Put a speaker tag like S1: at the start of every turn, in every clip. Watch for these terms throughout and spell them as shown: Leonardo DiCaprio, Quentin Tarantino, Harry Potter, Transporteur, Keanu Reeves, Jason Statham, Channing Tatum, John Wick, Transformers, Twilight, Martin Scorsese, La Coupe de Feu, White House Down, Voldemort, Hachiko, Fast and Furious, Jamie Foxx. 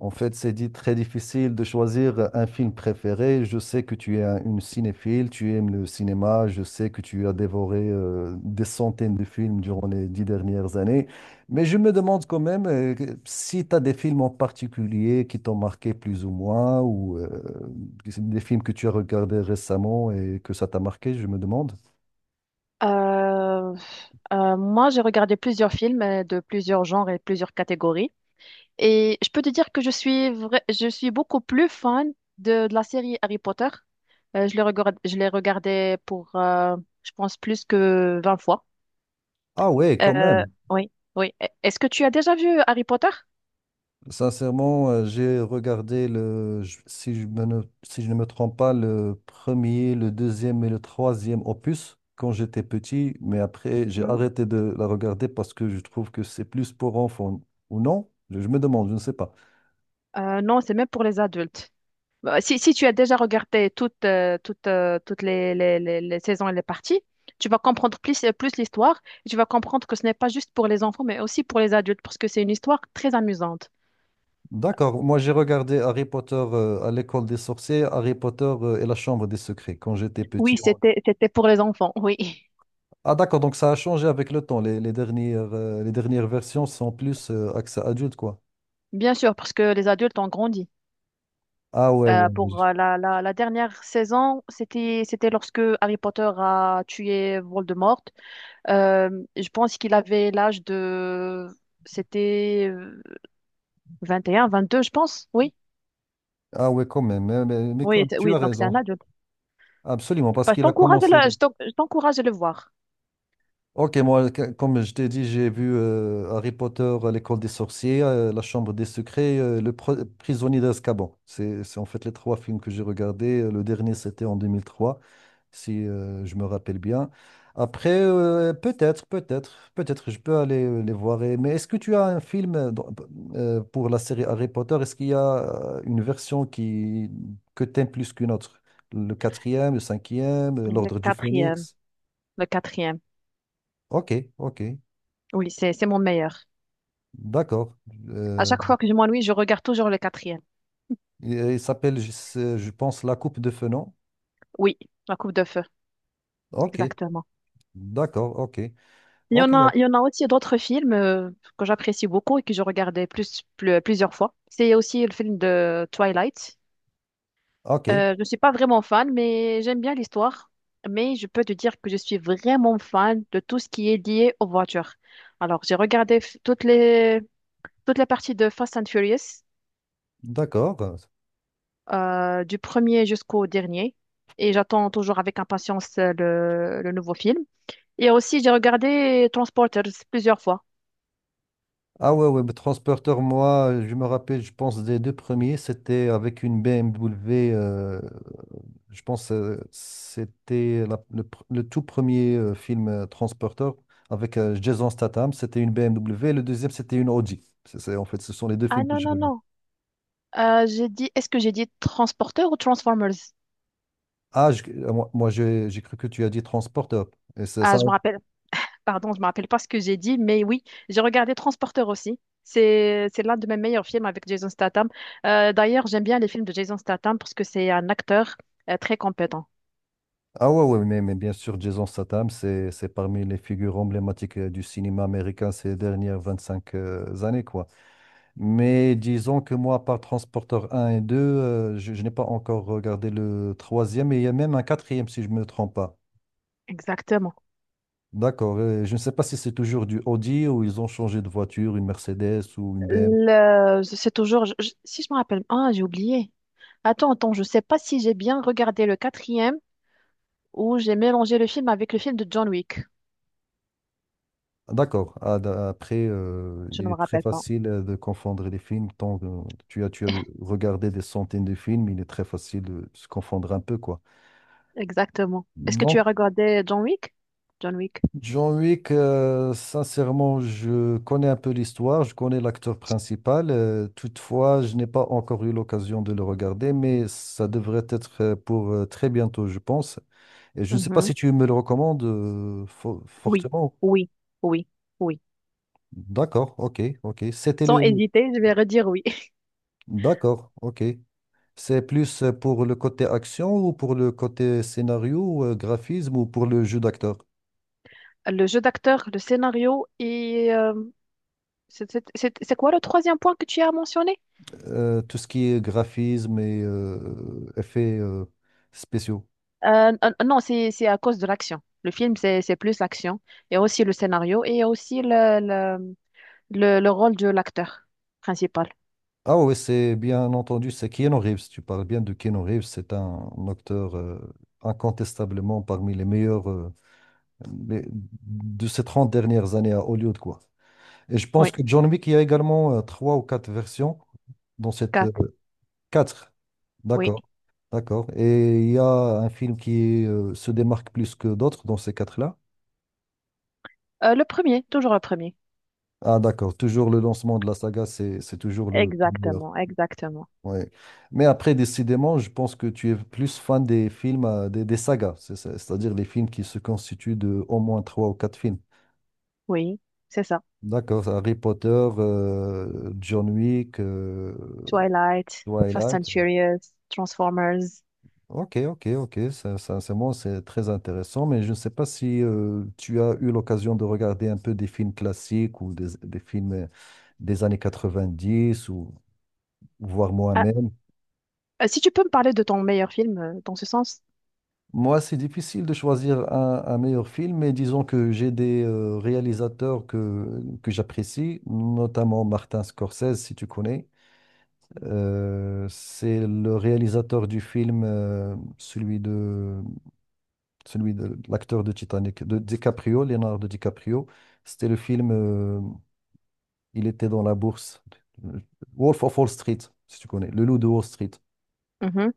S1: En fait, c'est dit très difficile de choisir un film préféré. Je sais que tu es une cinéphile, tu aimes le cinéma. Je sais que tu as dévoré des centaines de films durant les 10 dernières années. Mais je me demande quand même si tu as des films en particulier qui t'ont marqué plus ou moins, ou des films que tu as regardés récemment et que ça t'a marqué, je me demande.
S2: Euh, moi, j'ai regardé plusieurs films de plusieurs genres et plusieurs catégories. Et je peux te dire que je suis beaucoup plus fan de la série Harry Potter. Je l'ai regardé pour, je pense, plus que 20 fois.
S1: Ah ouais, quand
S2: Euh,
S1: même.
S2: oui, oui. Est-ce que tu as déjà vu Harry Potter?
S1: Sincèrement, j'ai regardé le, je- si je me ne, si je ne me trompe pas, le premier, le deuxième et le troisième opus quand j'étais petit, mais après j'ai
S2: Mhm.
S1: arrêté de la regarder parce que je trouve que c'est plus pour enfants ou non. Je me demande, je ne sais pas.
S2: Non, c'est même pour les adultes. Bah, si, si tu as déjà regardé toutes les saisons et les parties, tu vas comprendre plus l'histoire. Et tu vas comprendre que ce n'est pas juste pour les enfants, mais aussi pour les adultes, parce que c'est une histoire très amusante.
S1: D'accord, moi j'ai regardé Harry Potter à l'école des sorciers, Harry Potter et la chambre des secrets quand j'étais
S2: Oui,
S1: petit.
S2: c'était pour les enfants, oui.
S1: Ah d'accord, donc ça a changé avec le temps. Les dernières versions sont plus accès adulte, quoi.
S2: Bien sûr, parce que les adultes ont grandi.
S1: Ah ouais,
S2: Euh,
S1: ouais.
S2: pour euh, la, la, la dernière saison, c'était lorsque Harry Potter a tué Voldemort. Euh, je pense qu'il avait l'âge de... C'était 21, 22 je pense. Oui,
S1: Ah ouais, quand même. Hein, Mais, mais quand- tu
S2: oui.
S1: as
S2: Donc c'est
S1: raison.
S2: un adulte.
S1: Absolument, parce
S2: Bah,
S1: qu'il a commencé.
S2: je t'encourage à le voir.
S1: Ok, moi, comme je t'ai dit, j'ai vu Harry Potter, l'école des sorciers, la chambre des secrets, le prisonnier d'Azkaban. C'est en fait les trois films que j'ai regardés. Le dernier, c'était en 2003, si je me rappelle bien. Après, peut-être je peux aller les voir. Mais est-ce que tu as un film pour la série Harry Potter? Est-ce qu'il y a une version que t'aimes plus qu'une autre? Le quatrième, le cinquième,
S2: Le
S1: l'Ordre du
S2: quatrième,
S1: Phénix?
S2: le quatrième.
S1: Ok, ok.
S2: Oui, c'est mon meilleur.
S1: D'accord.
S2: À
S1: Euh,
S2: chaque fois que je m'ennuie, je regarde toujours le quatrième.
S1: il s'appelle, je pense, la coupe de Fenoz.
S2: Oui, la Coupe de Feu,
S1: Ok,
S2: exactement.
S1: d'accord, ok. Ok,
S2: Il y en a aussi d'autres films que j'apprécie beaucoup et que je regardais plusieurs fois. C'est aussi le film de Twilight.
S1: ok,
S2: Je ne suis pas vraiment fan, mais j'aime bien l'histoire. Mais je peux te dire que je suis vraiment fan de tout ce qui est lié aux voitures. Alors, toutes les parties de Fast and Furious,
S1: d'accord.
S2: du premier jusqu'au dernier. Et j'attends toujours avec impatience le nouveau film. Et aussi, j'ai regardé Transporters plusieurs fois.
S1: Ah ouais, ouais, mais Transporteur, moi, je me rappelle, je pense, des deux premiers, c'était avec une BMW, c'était le tout premier film Transporteur avec Jason Statham, c'était une BMW, le deuxième, c'était une Audi. En fait, ce sont les deux
S2: Ah
S1: films que
S2: non,
S1: je
S2: non,
S1: regarde.
S2: non. J'ai dit, est-ce que j'ai dit Transporters ou Transformers?
S1: Ah, j'ai cru que tu as dit Transporteur. Et c'est
S2: Ah,
S1: ça.
S2: je me rappelle. Pardon, je me rappelle pas ce que j'ai dit, mais oui, j'ai regardé Transporteur aussi. C'est l'un de mes meilleurs films avec Jason Statham. D'ailleurs, j'aime bien les films de Jason Statham parce que c'est un acteur très compétent.
S1: Ah ouais, ouais, mais bien sûr, Jason Statham, c'est parmi les figures emblématiques du cinéma américain ces dernières 25 années, quoi. Mais disons que moi, par Transporteur un et 2, je n'ai pas encore regardé le troisième, et il y a même un quatrième, si je ne me trompe pas.
S2: Exactement.
S1: D'accord. Je ne sais pas si c'est toujours du Audi ou ils ont changé de voiture, une Mercedes ou une BMW.
S2: C'est toujours, si je me rappelle, ah, j'ai oublié. Attends, attends, je sais pas si j'ai bien regardé le quatrième ou j'ai mélangé le film avec le film de John Wick.
S1: D'accord. Ah, Après,
S2: Je ne
S1: il
S2: me
S1: est très
S2: rappelle pas.
S1: facile de confondre les films. Tant que tu as regardé des centaines de films, il est très facile de se confondre un peu, quoi.
S2: Exactement. Est-ce que tu as
S1: Donc,
S2: regardé John Wick? John Wick.
S1: John Wick, sincèrement, je connais un peu l'histoire, je connais l'acteur principal. Toutefois, je n'ai pas encore eu l'occasion de le regarder, mais ça devrait être pour très bientôt, je pense. Et je ne sais pas
S2: Mhm.
S1: si tu me le recommandes
S2: Oui,
S1: fortement.
S2: oui, oui, oui.
S1: D'accord, ok, ok. C'était
S2: Sans
S1: le.
S2: hésiter, je vais redire oui.
S1: D'accord, ok. C'est plus pour le côté action ou pour le côté scénario, graphisme ou pour le jeu d'acteur?
S2: Le jeu d'acteur, le scénario et... c'est quoi le troisième point que tu as mentionné?
S1: Tout ce qui est graphisme et effets spéciaux.
S2: Non, c'est à cause de l'action. Le film, c'est plus l'action. Il y a aussi le scénario et il y a aussi le rôle de l'acteur principal.
S1: Ah oui, c'est bien entendu, c'est Keanu Reeves. Tu parles bien de Keanu Reeves, c'est un acteur incontestablement parmi les meilleurs de ces 30 dernières années à Hollywood, quoi. Et je pense
S2: Oui,
S1: que John Wick, il y a également trois ou quatre versions dans cette.
S2: quatre,
S1: Quatre.
S2: oui.
S1: D'accord, d'accord. Et il y a un film qui se démarque plus que d'autres dans ces quatre-là.
S2: Le premier, toujours le premier.
S1: Ah, d'accord. Toujours le lancement de la saga, c'est toujours le meilleur.
S2: Exactement, exactement.
S1: Ouais. Mais après, décidément, je pense que tu es plus fan des films, des sagas, c'est-à-dire les films qui se constituent de au moins trois ou quatre films.
S2: Oui, c'est ça.
S1: D'accord. Harry Potter, John Wick,
S2: Twilight, Fast and
S1: Twilight.
S2: Furious, Transformers.
S1: Ok, ok, ok, c'est bon, c'est très intéressant, mais je ne sais pas si tu as eu l'occasion de regarder un peu des films classiques ou des films des années 90 ou voire moi-même.
S2: Si tu peux me parler de ton meilleur film dans ce sens?
S1: Moi, c'est difficile de choisir un meilleur film, mais disons que j'ai des réalisateurs que j'apprécie, notamment Martin Scorsese, si tu connais. C'est le réalisateur du film, celui de l'acteur de Titanic, de DiCaprio, Leonardo DiCaprio. C'était le film, il était dans la bourse, euh, Wolf of Wall Street, si tu connais, Le Loup de Wall Street.
S2: Mhm.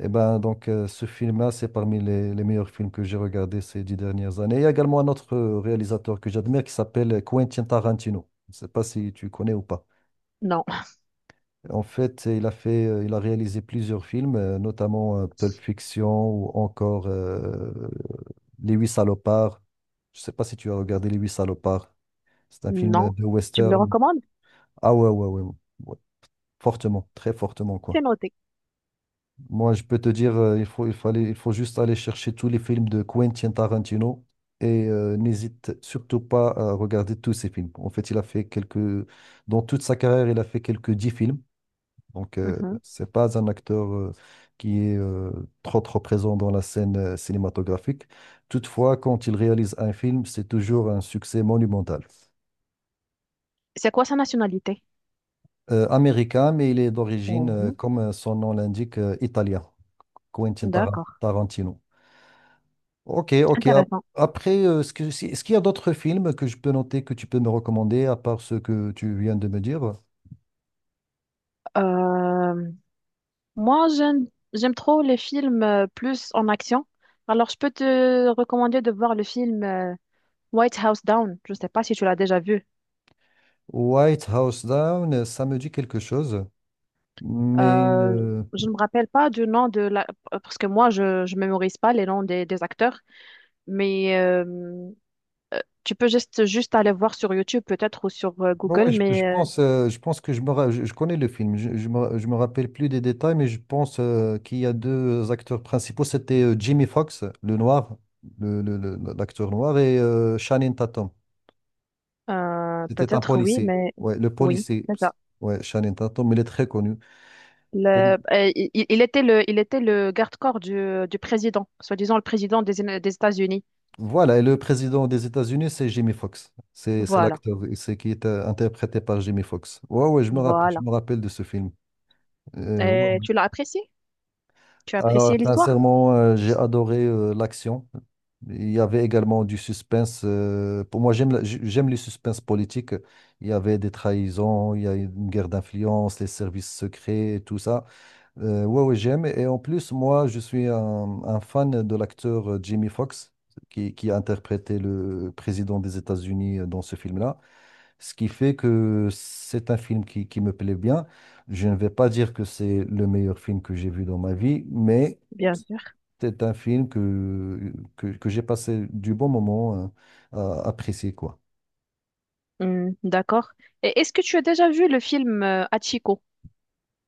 S1: Et ben donc ce film-là, c'est parmi les meilleurs films que j'ai regardés ces 10 dernières années. Il y a également un autre réalisateur que j'admire qui s'appelle Quentin Tarantino. Je ne sais pas si tu connais ou pas.
S2: Non,
S1: En fait, il a réalisé plusieurs films, notamment Pulp Fiction ou encore Les Huit Salopards. Je sais pas si tu as regardé Les Huit Salopards. C'est un film
S2: non.
S1: de
S2: Tu me le
S1: western.
S2: recommandes?
S1: Ah ouais, ouais, ouais, ouais. Fortement, très fortement,
S2: C'est
S1: quoi.
S2: noté.
S1: Moi, je peux te dire, il faut juste aller chercher tous les films de Quentin Tarantino et n'hésite surtout pas à regarder tous ses films. En fait, il a fait quelques, dans toute sa carrière, il a fait quelques 10 films. Donc,
S2: Mhm.
S1: c'est pas un acteur qui est trop trop présent dans la scène cinématographique. Toutefois, quand il réalise un film, c'est toujours un succès monumental.
S2: C'est quoi sa nationalité?
S1: Américain, mais il est d'origine,
S2: Mhm.
S1: comme son nom l'indique, italien. Quentin
S2: D'accord.
S1: Tarantino. Ok, ok.
S2: Intéressant.
S1: Après, est-ce que- si- est-ce qu'il y a d'autres films que je peux noter que tu peux me recommander à part ce que tu viens de me dire?
S2: Euh, moi, j'aime trop les films plus en action. Alors, je peux te recommander de voir le film White House Down. Je ne sais pas si tu l'as déjà vu.
S1: White House Down, ça me dit quelque chose, mais
S2: Euh,
S1: euh,
S2: je ne me rappelle pas du nom de la... Parce que moi, je ne mémorise pas les noms des acteurs. Mais tu peux juste aller voir sur YouTube peut-être ou sur
S1: Ouais, ouais,
S2: Google, mais euh,
S1: je pense que je connais le film. Je me rappelle plus des détails, mais je pense qu'il y a deux acteurs principaux. C'était Jimmy Fox, le noir, l'acteur noir, et Channing Tatum.
S2: euh,
S1: C'était un
S2: peut-être oui,
S1: policier.
S2: mais
S1: Ouais, le
S2: oui,
S1: policier.
S2: c'est ça.
S1: Ouais, Channing Tatum, il est très connu. Et
S2: Il était il était le garde-corps du président, soi-disant le président des États-Unis.
S1: voilà, et le président des États-Unis, c'est Jimmy Fox. C'est
S2: Voilà,
S1: l'acteur, c'est qui est interprété par Jimmy Fox. Ouais, ouais, je me rappelle, je
S2: voilà.
S1: me rappelle de ce film. Ouais,
S2: Et
S1: ouais.
S2: tu l'as apprécié? Tu as
S1: Alors,
S2: apprécié l'histoire?
S1: sincèrement, j'ai adoré l'action. Il y avait également du suspense. Pour moi, j'aime les suspens politiques. Il y avait des trahisons, il y a une guerre d'influence, les services secrets, et tout ça. Ouais, ouais, j'aime. Et en plus, moi, je suis un fan de l'acteur Jamie Foxx, qui a interprété le président des États-Unis dans ce film-là. Ce qui fait que c'est un film qui me plaît bien. Je ne vais pas dire que c'est le meilleur film que j'ai vu dans ma vie, mais
S2: Bien sûr.
S1: c'est un film que j'ai passé du bon moment euh, à apprécier, quoi.
S2: Hmm, d'accord. Et est-ce que tu as déjà vu le film Hachiko?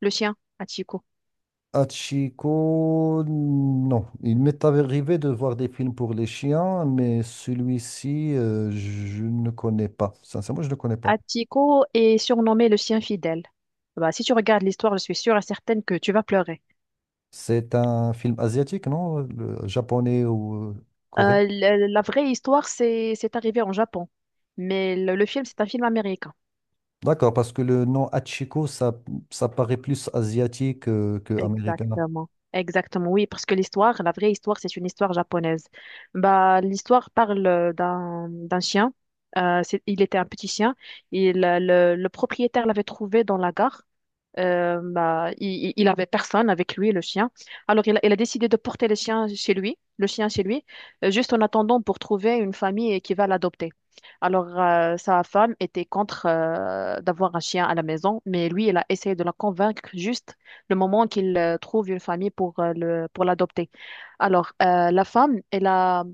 S2: Le chien, Atiko.
S1: Hachiko, non. Il m'est arrivé de voir des films pour les chiens, mais celui-ci, je ne connais pas. Sincèrement, je ne connais pas.
S2: Atiko est surnommé le chien fidèle. Bah, si tu regardes l'histoire, je suis sûre et certaine que tu vas pleurer.
S1: C'est un film asiatique, non? Japonais ou coréen?
S2: La vraie histoire, c'est arrivé en Japon, mais le film, c'est un film américain.
S1: D'accord, parce que le nom Hachiko, ça, paraît plus asiatique que américain.
S2: Exactement. Exactement, oui, parce que l'histoire, la vraie histoire, c'est une histoire japonaise. Bah, l'histoire parle d'un chien. Il était un petit chien. Le propriétaire l'avait trouvé dans la gare. Il avait personne avec lui, le chien. Alors, il a décidé de porter le chien chez lui, juste en attendant pour trouver une famille qui va l'adopter. Alors, sa femme était contre d'avoir un chien à la maison, mais lui, il a essayé de la convaincre juste le moment qu'il trouve une famille pour pour l'adopter. Alors, la femme,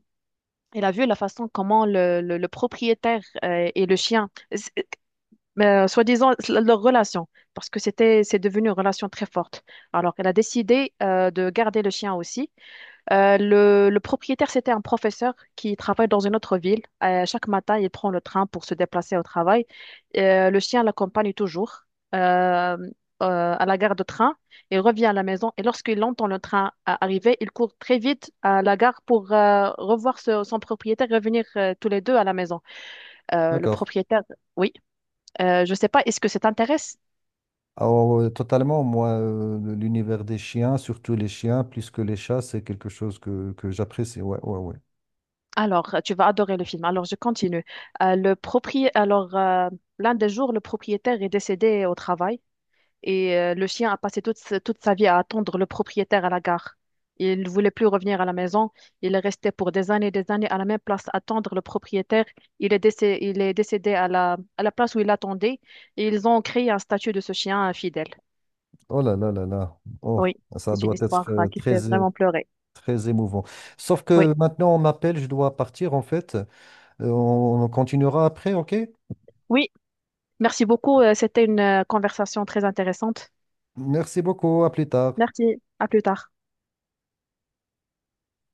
S2: elle a vu la façon comment le propriétaire et le chien, soi-disant, leur relation, parce que c'est devenu une relation très forte. Alors, elle a décidé de garder le chien aussi. Le propriétaire, c'était un professeur qui travaille dans une autre ville. Chaque matin, il prend le train pour se déplacer au travail. Le chien l'accompagne toujours euh, à la gare de train. Il revient à la maison et lorsqu'il entend le train arriver, il court très vite à la gare pour son propriétaire, revenir tous les deux à la maison. Euh, le
S1: D'accord.
S2: propriétaire, oui, je ne sais pas, est-ce que ça t'intéresse?
S1: Alors, totalement, moi, l'univers des chiens, surtout les chiens, plus que les chats, c'est quelque chose que j'apprécie. Ouais, ouais, ouais.
S2: Alors, tu vas adorer le film. Alors, je continue. Euh, le propri... Alors, euh, L'un des jours, le propriétaire est décédé au travail et le chien a passé toute sa vie à attendre le propriétaire à la gare. Il ne voulait plus revenir à la maison. Il est resté pour des années et des années à la même place attendre le propriétaire. Il est décédé à la place où il attendait et ils ont créé un statut de ce chien fidèle.
S1: Oh là là là là. Oh,
S2: Oui,
S1: ça
S2: c'est une
S1: doit être
S2: histoire qui fait vraiment pleurer.
S1: très émouvant. Sauf
S2: Oui,
S1: que maintenant, on m'appelle, je dois partir en fait. On continuera après, ok?
S2: oui, merci beaucoup. C'était une conversation très intéressante.
S1: Merci beaucoup, à plus tard.
S2: Merci, à plus tard.